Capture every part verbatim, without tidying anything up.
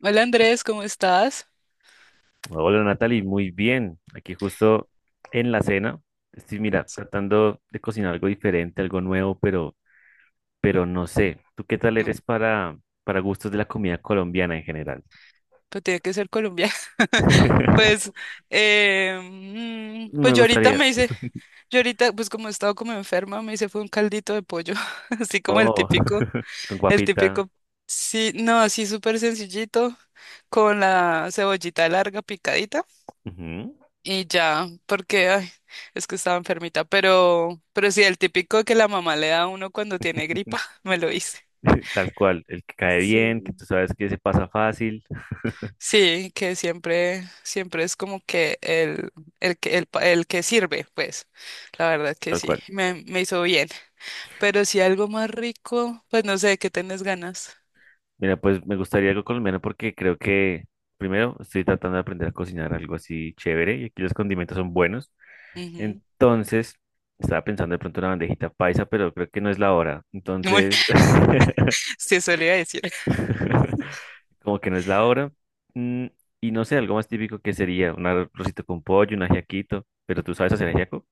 Hola Andrés, ¿cómo estás? Hola Natalie, muy bien. Aquí justo en la cena. Estoy, mira, tratando de cocinar algo diferente, algo nuevo, pero, pero, no sé. ¿Tú qué tal Mm, eres para, para gustos de la comida colombiana en general? pues tiene que ser colombiano. Pues, eh, mm, Me pues yo ahorita gustaría. me hice, yo ahorita, pues como he estado como enferma, me hice fue un caldito de pollo, así como el Oh, típico, con el guapita. típico, sí, no, así súper sencillito, con la cebollita larga picadita Ujú. y ya, porque, ay, es que estaba enfermita, pero, pero sí, el típico que la mamá le da a uno cuando tiene gripa, me lo hice. Tal cual, el que cae bien, que Sí. tú sabes que se pasa fácil. Sí, que siempre, siempre es como que el, el que el, pa- el que sirve, pues, la verdad que Tal sí, cual. me, me hizo bien. Pero si algo más rico, pues no sé, ¿qué tenés ganas? Mira, pues me gustaría algo colombiano porque creo que primero estoy tratando de aprender a cocinar algo así chévere y aquí los condimentos son buenos. Ujú. Entonces, estaba pensando de pronto en una bandejita paisa, pero creo que no es la hora. Muy, Entonces, sí, solía decir. como que no es la hora. Mm, y no sé, algo más típico que sería un arrocito con pollo, un ajiaquito. Pero tú sabes hacer ajiaco,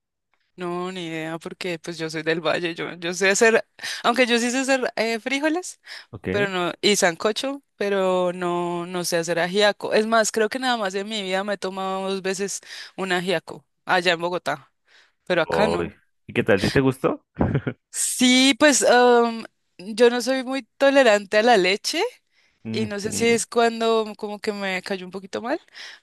No, ni idea, porque pues yo soy del valle, yo, yo sé hacer, aunque yo sí sé hacer eh, frijoles, ¿ok? pero no, y sancocho, pero no, no sé hacer ajiaco. Es más, creo que nada más en mi vida me he tomado dos veces un ajiaco, allá en Bogotá, pero acá Uy, no. ¿y qué tal? ¿Si te gustó? Sí, pues am, yo no soy muy tolerante a la leche y no sé si Ujú. es cuando como que me cayó un poquito mal,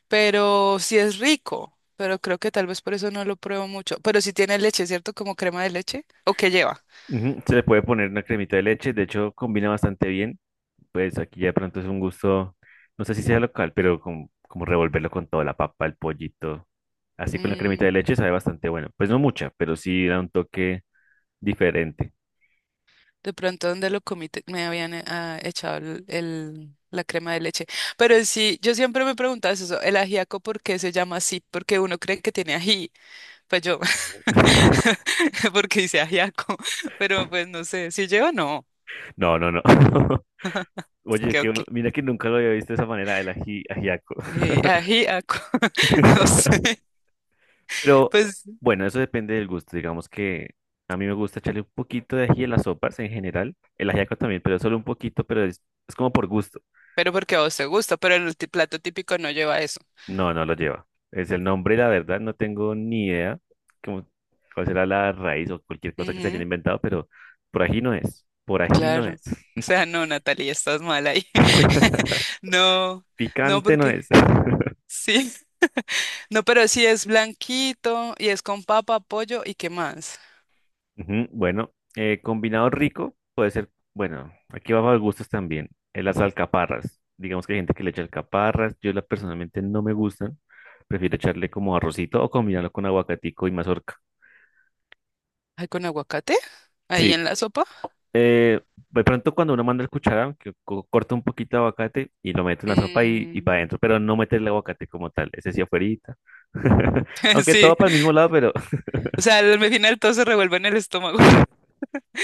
pero sí es rico, pero creo que tal vez por eso no lo pruebo mucho. Pero sí tiene leche, ¿cierto? Como crema de leche. ¿O qué lleva? Ujú. Se le puede poner una cremita de leche, de hecho combina bastante bien. Pues aquí ya de pronto es un gusto, no sé si sea local, pero como, como, revolverlo con toda la papa, el pollito, así con la cremita de Mm, leche sabe bastante bueno. Pues no mucha, pero sí da un toque diferente. de pronto donde lo comí te- me habían eh, ah, echado el, el- la crema de leche. Pero sí, yo siempre me preguntaba eso, el ajiaco, ¿por qué se llama así? Porque uno cree que tiene ají. Pues yo, porque dice ajiaco, pero pues no sé, si lleva no, No, no, no. Oye, creo que que mira que nunca lo había visto de esa manera, el ají, ajiaco. aji- ajiaco, no sé, Pero pues, bueno, eso depende del gusto. Digamos que a mí me gusta echarle un poquito de ají a las sopas en general. El ajiaco también, pero solo un poquito, pero es, es como por gusto. pero porque a vos te gusta, pero el ti- plato típico no lleva eso. No, no lo lleva. Es el nombre, la verdad, no tengo ni idea cómo, cuál será la raíz o cualquier cosa que se hayan Ujú, inventado, pero por ají no es. Por ají no es. claro, o sea, no, Natalia, estás mal ahí. No, no, Picante no porque es. sí, no, pero sí es blanquito y es con papa, pollo y qué más. Ujú. Bueno, eh, combinado rico puede ser, bueno, aquí va a gustos también. Eh, las alcaparras, digamos que hay gente que le echa alcaparras, yo la, personalmente no me gustan, prefiero echarle como arrocito o combinarlo con aguacatico y mazorca. ¿Hay con aguacate? Ahí Sí, en la sopa. eh, de pronto cuando uno manda el cuchara, que co- corta un poquito de aguacate y lo mete en la sopa y, y para Mm, adentro, pero no mete el aguacate como tal, ese sí afuerita. Aunque todo sí, para el mismo lado, pero o sea, al final todo se revuelve en el estómago.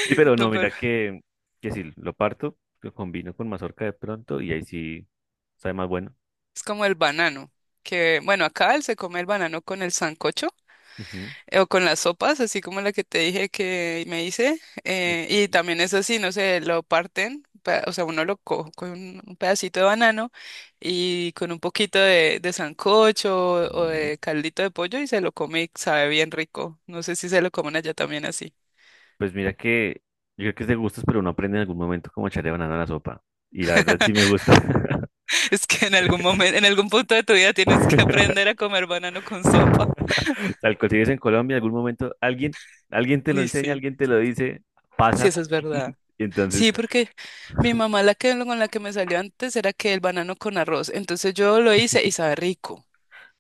sí, pero no, No, pero mira que, que si lo parto, lo combino con mazorca de pronto y ahí sí sabe más bueno. es como el banano, que bueno, acá él se come el banano con el sancocho Ujú, eh, o con las sopas, así como la que te dije que me hice. Eh, y ujú, también es así, no sé, lo parten, pa- o sea, uno lo coge con un, un pedacito de banano y con un poquito de, de sancocho o, o ujú. de caldito de pollo y se lo come y sabe bien rico. No sé si se lo comen allá también así. Pues mira que yo creo que es de gustos, pero uno aprende en algún momento cómo echarle banana a la sopa. Y la verdad sí me gusta. Es que en algún momento, en algún punto de tu vida tienes que aprender a comer banano con sopa. Tal cual si vives en Colombia, en algún momento alguien, alguien te lo Uy, enseña, sí. alguien te lo dice, Sí, pasa. eso es verdad. Y entonces, Sí, porque mi mamá, la que con la que me salió antes, era que el banano con arroz. Entonces yo lo hice y sabe rico.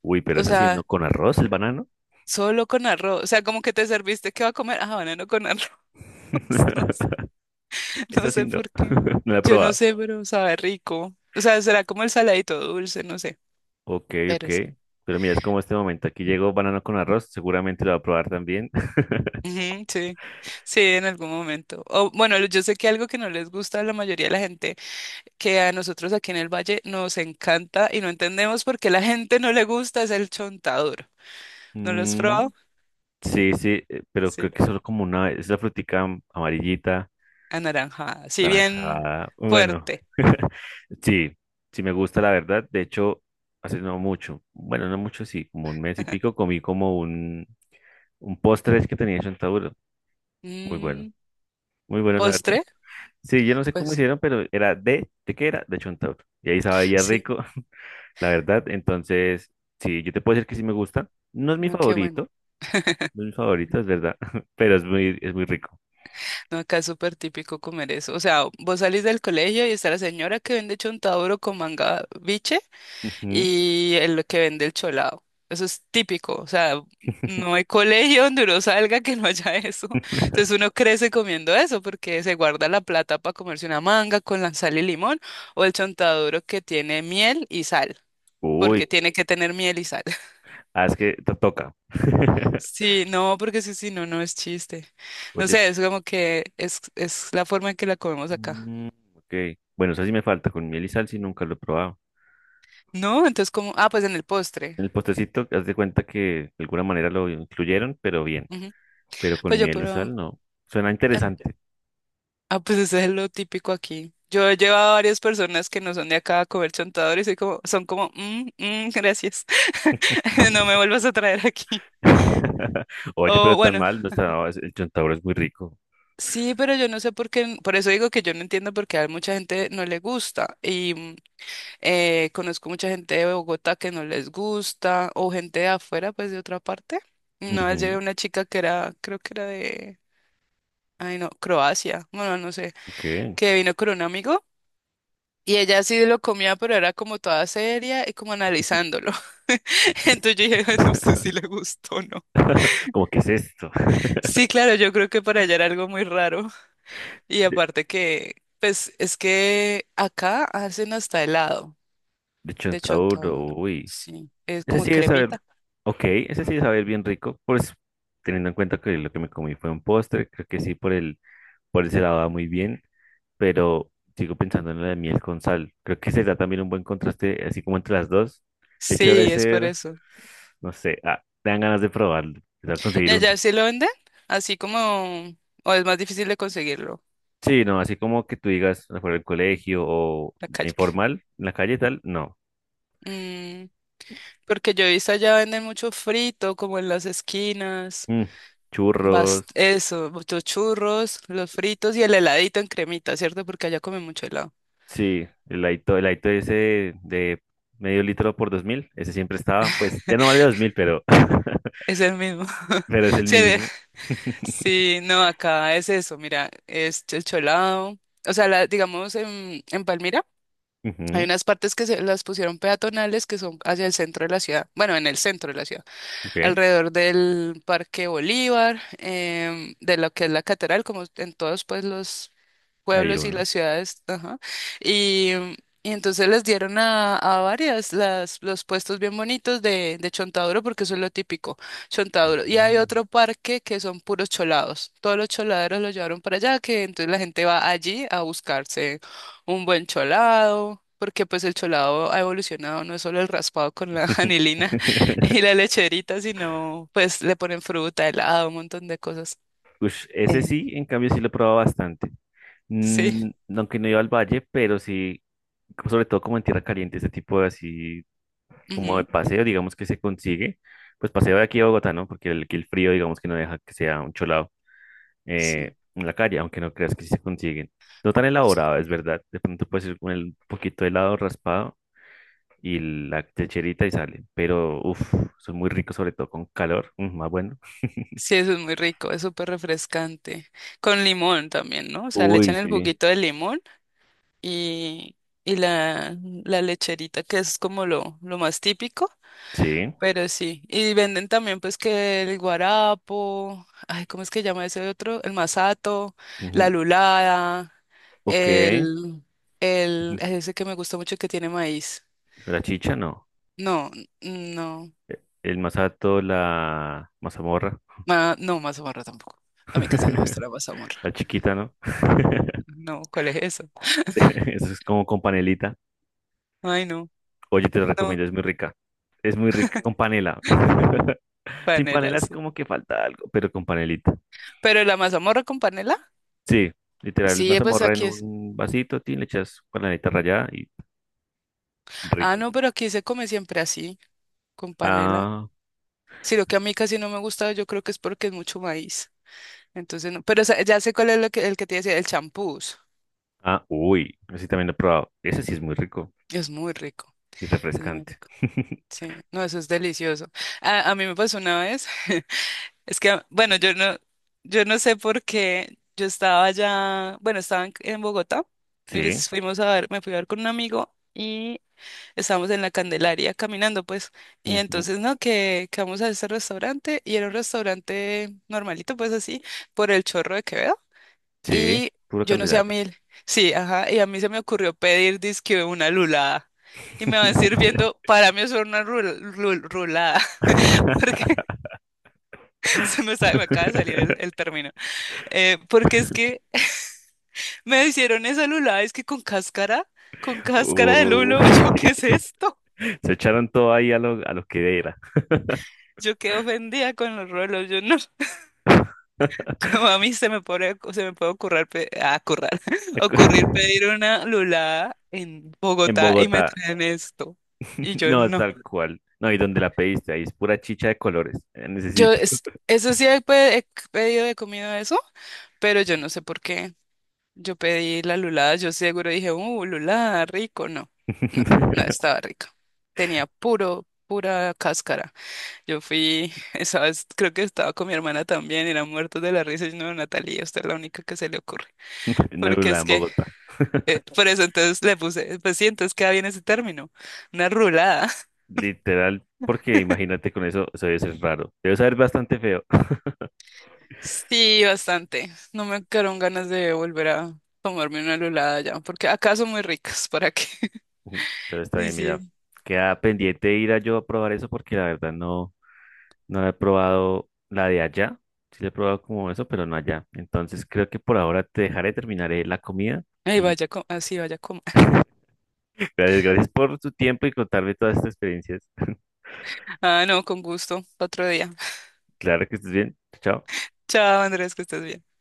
uy, pero O es así no, sea, con arroz el banano. solo con arroz. O sea, como que te serviste, ¿qué va a comer? Ah, banano con arroz. No, s- Es no así sé no. por qué. No la he Yo no probado. sé, pero sabe rico. O sea, será como el saladito dulce, no sé. Ok, ok. Pero sí. Pero mira, es como este momento. Aquí llegó banano con arroz. Seguramente lo va a probar también. Ujú, sí. Sí, en algún momento. O bueno, yo sé que algo que no les gusta a la mayoría de la gente, que a nosotros aquí en el Valle nos encanta y no entendemos por qué la gente no le gusta es el chontaduro. ¿No lo has Mm, probado? sí, sí, eh, pero Sí, creo que solo como una. Es la frutica am- amarillita, anaranjada, sí, bien naranjada. Bueno, fuerte. sí, sí me gusta la verdad. De hecho, hace no mucho. Bueno, no mucho, sí, como un mes y pico comí como un, un postre que tenía en chontaduro. Muy bueno, Mm, muy bueno la verdad. ¿postre? Sí, yo no sé cómo Pues hicieron, pero era de, ¿de qué era? De chontaduro. Y ahí sabía sí, rico. La verdad. Entonces, sí, yo te puedo decir que sí me gusta. No es mi no, qué bueno. favorito, no es mi favorito, es verdad, pero es muy, es muy rico. No, acá es súper típico comer eso. O sea, vos salís del colegio y está la señora que vende chontaduro con manga biche Ujú. y el que vende el cholado. Eso es típico, o sea, no hay colegio donde uno salga que no haya eso. Entonces uno crece comiendo eso porque se guarda la plata para comerse una manga con la sal y limón o el chontaduro que tiene miel y sal, porque Uy, tiene que tener miel y sal. ah, es que te toca. Sí, no, porque sí, sí, no, no es chiste. No Oye, sé, es como que es, es la forma en que la comemos acá. mm, ok. Bueno, eso sí me falta, con miel y sal sí nunca lo he probado. No, entonces como, ah, pues en el postre. El postrecito, haz de cuenta que de alguna manera lo incluyeron, pero bien. Ujú. Pero con Pues yo, miel y pero... sal no. Suena interesante. Ah, pues eso es lo típico aquí. Yo he llevado a varias personas que no son de acá a comer chontador y soy como, son como, "Mm, mm, gracias, no me vuelvas a traer aquí." Oye, O pero tan bueno, mal, no está, no, es- el chontaduro es muy rico. sí, pero yo no sé por qué, por eso digo que yo no entiendo por qué a mucha gente no le gusta. Y mm, eh, conozco mucha gente de Bogotá que no les gusta, o gente de afuera, pues de otra parte. Una vez llevé Ujú. una chica que era, creo que era de, ay no, Croacia, bueno, no sé, Ok. que vino con un amigo. Y ella sí lo comía, pero era como toda seria y como analizándolo. Pues, Entonces yo dije, "Ay, no sé si le gustó o no." como, ¿qué es esto? Sí, claro, yo creo que para ella era algo muy raro. Y De, aparte que, pues es que acá hacen hasta helado de de chontaduro, chontaduro. uy. Sí, es Ese como sí debe saber, cremita. ok, ese sí debe saber bien rico, pues teniendo en cuenta que lo que me comí fue un postre, creo que sí, por el, por ese lado va muy bien, pero sigo pensando en la de miel con sal. Creo que será también un buen contraste, así como entre las dos. De hecho, debe Sí, es por ser, eso. no sé, ah, me dan ganas de probarlo, de ¿Y conseguir allá uno. sí lo venden? Así como, o es más difícil de conseguirlo, en Sí, no, así como que tú digas afuera del colegio o la calle. informal, en la calle y tal, no. Mm, porque yo he visto allá venden mucho frito, como en las esquinas. Mm, churros. Bast eso, los churros, los fritos y el heladito en cremita, ¿cierto? Porque allá comen mucho helado. Sí, el Aito, el Aito ese de, de medio litro por dos mil, ese siempre estaba, pues ya no vale dos mil, pero Es el mismo. pero es el Sí, de- mismo. sí, no, acá es eso, mira, es el cholado. O sea, la- digamos en, en Palmira hay Ujú, unas partes que se las pusieron peatonales que son hacia el centro de la ciudad. Bueno, en el centro de la ciudad, ok, alrededor del Parque Bolívar, em, de lo que es la catedral, como en todos pues los hay pueblos y uno. las ciudades, ajá. Y, y entonces les dieron a, a varias las, los puestos bien bonitos de, de chontaduro, porque eso es lo típico, chontaduro. Y hay otro parque que son puros cholados. Todos los choladeros los llevaron para allá, que entonces la gente va allí a buscarse un buen cholado. Porque pues el cholado ha evolucionado, no es solo el raspado con la anilina, y la lecherita, si no, pues le ponen fruta, helado, un montón de cosas. Ush, ese Sí. sí, en cambio sí lo he probado bastante. Sí, Mm, aunque no iba al valle, pero sí, sobre todo como en tierra caliente, ese tipo de así, como de ujú, paseo, digamos que se consigue. Pues paseo de aquí a Bogotá, ¿no? Porque el, aquí el frío, digamos que no deja que sea un cholado. eh, sí. En la calle, aunque no creas que sí se consiguen. No tan elaborado, es verdad. De pronto puedes ir con el- un poquito de helado raspado y la techerita y sale. Pero, uff, son muy ricos, sobre todo con calor. Mm, más bueno. Sí, eso es muy rico, es súper refrescante. Con limón también, ¿no? O sea, le Uy, echan el sí. juguito de limón y, y la, la lecherita, que es como lo, lo más típico. Sí. Pero sí, y venden también pues que el guarapo, ay, ¿cómo es que llama ese otro? El masato, la Ujú, lulada, ok. el, el, Ujú. ay, ese que me gusta mucho que tiene maíz. La chicha, no. No, n- no, E- El masato, la mazamorra. ma- no, mazamorra tampoco. A mí casi no me gusta la mazamorra. La chiquita, ¿no? No, ¿cuál es eso? Eso es como con panelita. Ay, no, Oye, te lo no, recomiendo, es muy rica. Es muy rica con panela. Sin panela panela, es sí. como que falta algo, pero con panelita. Pero la mazamorra con panela, Sí, literal, sí, eh, pues mazamorra en aquí es. un vasito, tin, le echas panelita rallada y Ah, rico. no, pero aquí se come siempre así, con panela. Ah, Si lo que a mí casi no me gusta, yo creo que es porque es mucho maíz. Entonces, no, pero sa- ya sé cuál es lo que, el que te decía, el champús. ah, uy, ese también lo he probado. Ese sí es muy rico Es muy rico, y es muy refrescante. rico. Sí, no, eso es delicioso. A, a mí me pasó una vez, es que, bueno, yo no, yo no sé por qué, yo estaba allá, bueno, estaba en, en Bogotá, y Sí, es- fuimos a ver, me fui a ver con un amigo y estábamos en la Candelaria caminando, pues, y ujú, entonces, no, que, que vamos a este restaurante, y era un restaurante normalito, pues así, por el Chorro de Quevedo. sí, Y puro yo no sé a candelaria. mí, sí, ajá, y a mí se me ocurrió pedir disque una lulada. Y me van sirviendo, para mí eso era una rul- rul- rulada, porque se me, sa- me acaba de salir el, el término. Eh, porque es que me hicieron esa lulada, es que con cáscara, con cáscara de Uy, lulo, yo, ¿qué es esto? se echaron todo ahí a lo, a lo que era. Yo quedé ofendida con los rulos, yo no. Como a mí se me puede, se me puede ocurrir, pe- ah, currar, ocurrir pedir una lulada en En Bogotá y me Bogotá. traen esto. Y yo No, no. tal cual. No, y donde la pediste, ahí es pura chicha de colores, en ese Yo, sitio. es- eso sí he, pe- he pedido de comida eso, pero yo no sé por qué. Yo pedí la lulada, yo seguro dije, uh, lulada, rico. No, no, no estaba rica. Tenía puro, pura cáscara. Yo fui, esa vez creo que estaba con mi hermana también, era muertos de la risa. Y no, Natalia, usted es la única que se le ocurre. En Porque Alula, es en que Bogotá. eh, por eso entonces le puse, pues sí, entonces queda bien ese término, una rulada. Literal, porque imagínate con eso, eso debe ser raro. Debe saber bastante feo. Sí, bastante. No me quedaron ganas de volver a tomarme una rulada ya, porque acá son muy ricas, ¿para qué? Pero está Y bien, sí, mira. Queda pendiente ir a yo a probar eso porque la verdad no, no la he probado la de allá. Sí la he probado como eso, pero no allá. Entonces creo que por ahora te dejaré, terminaré la comida. ay, Y vaya, co- así vaya como. gracias, gracias por tu tiempo y contarme todas estas experiencias. Ah, no, con gusto, otro día. Claro que estés bien. Chao. Chao, Andrés, que estés bien.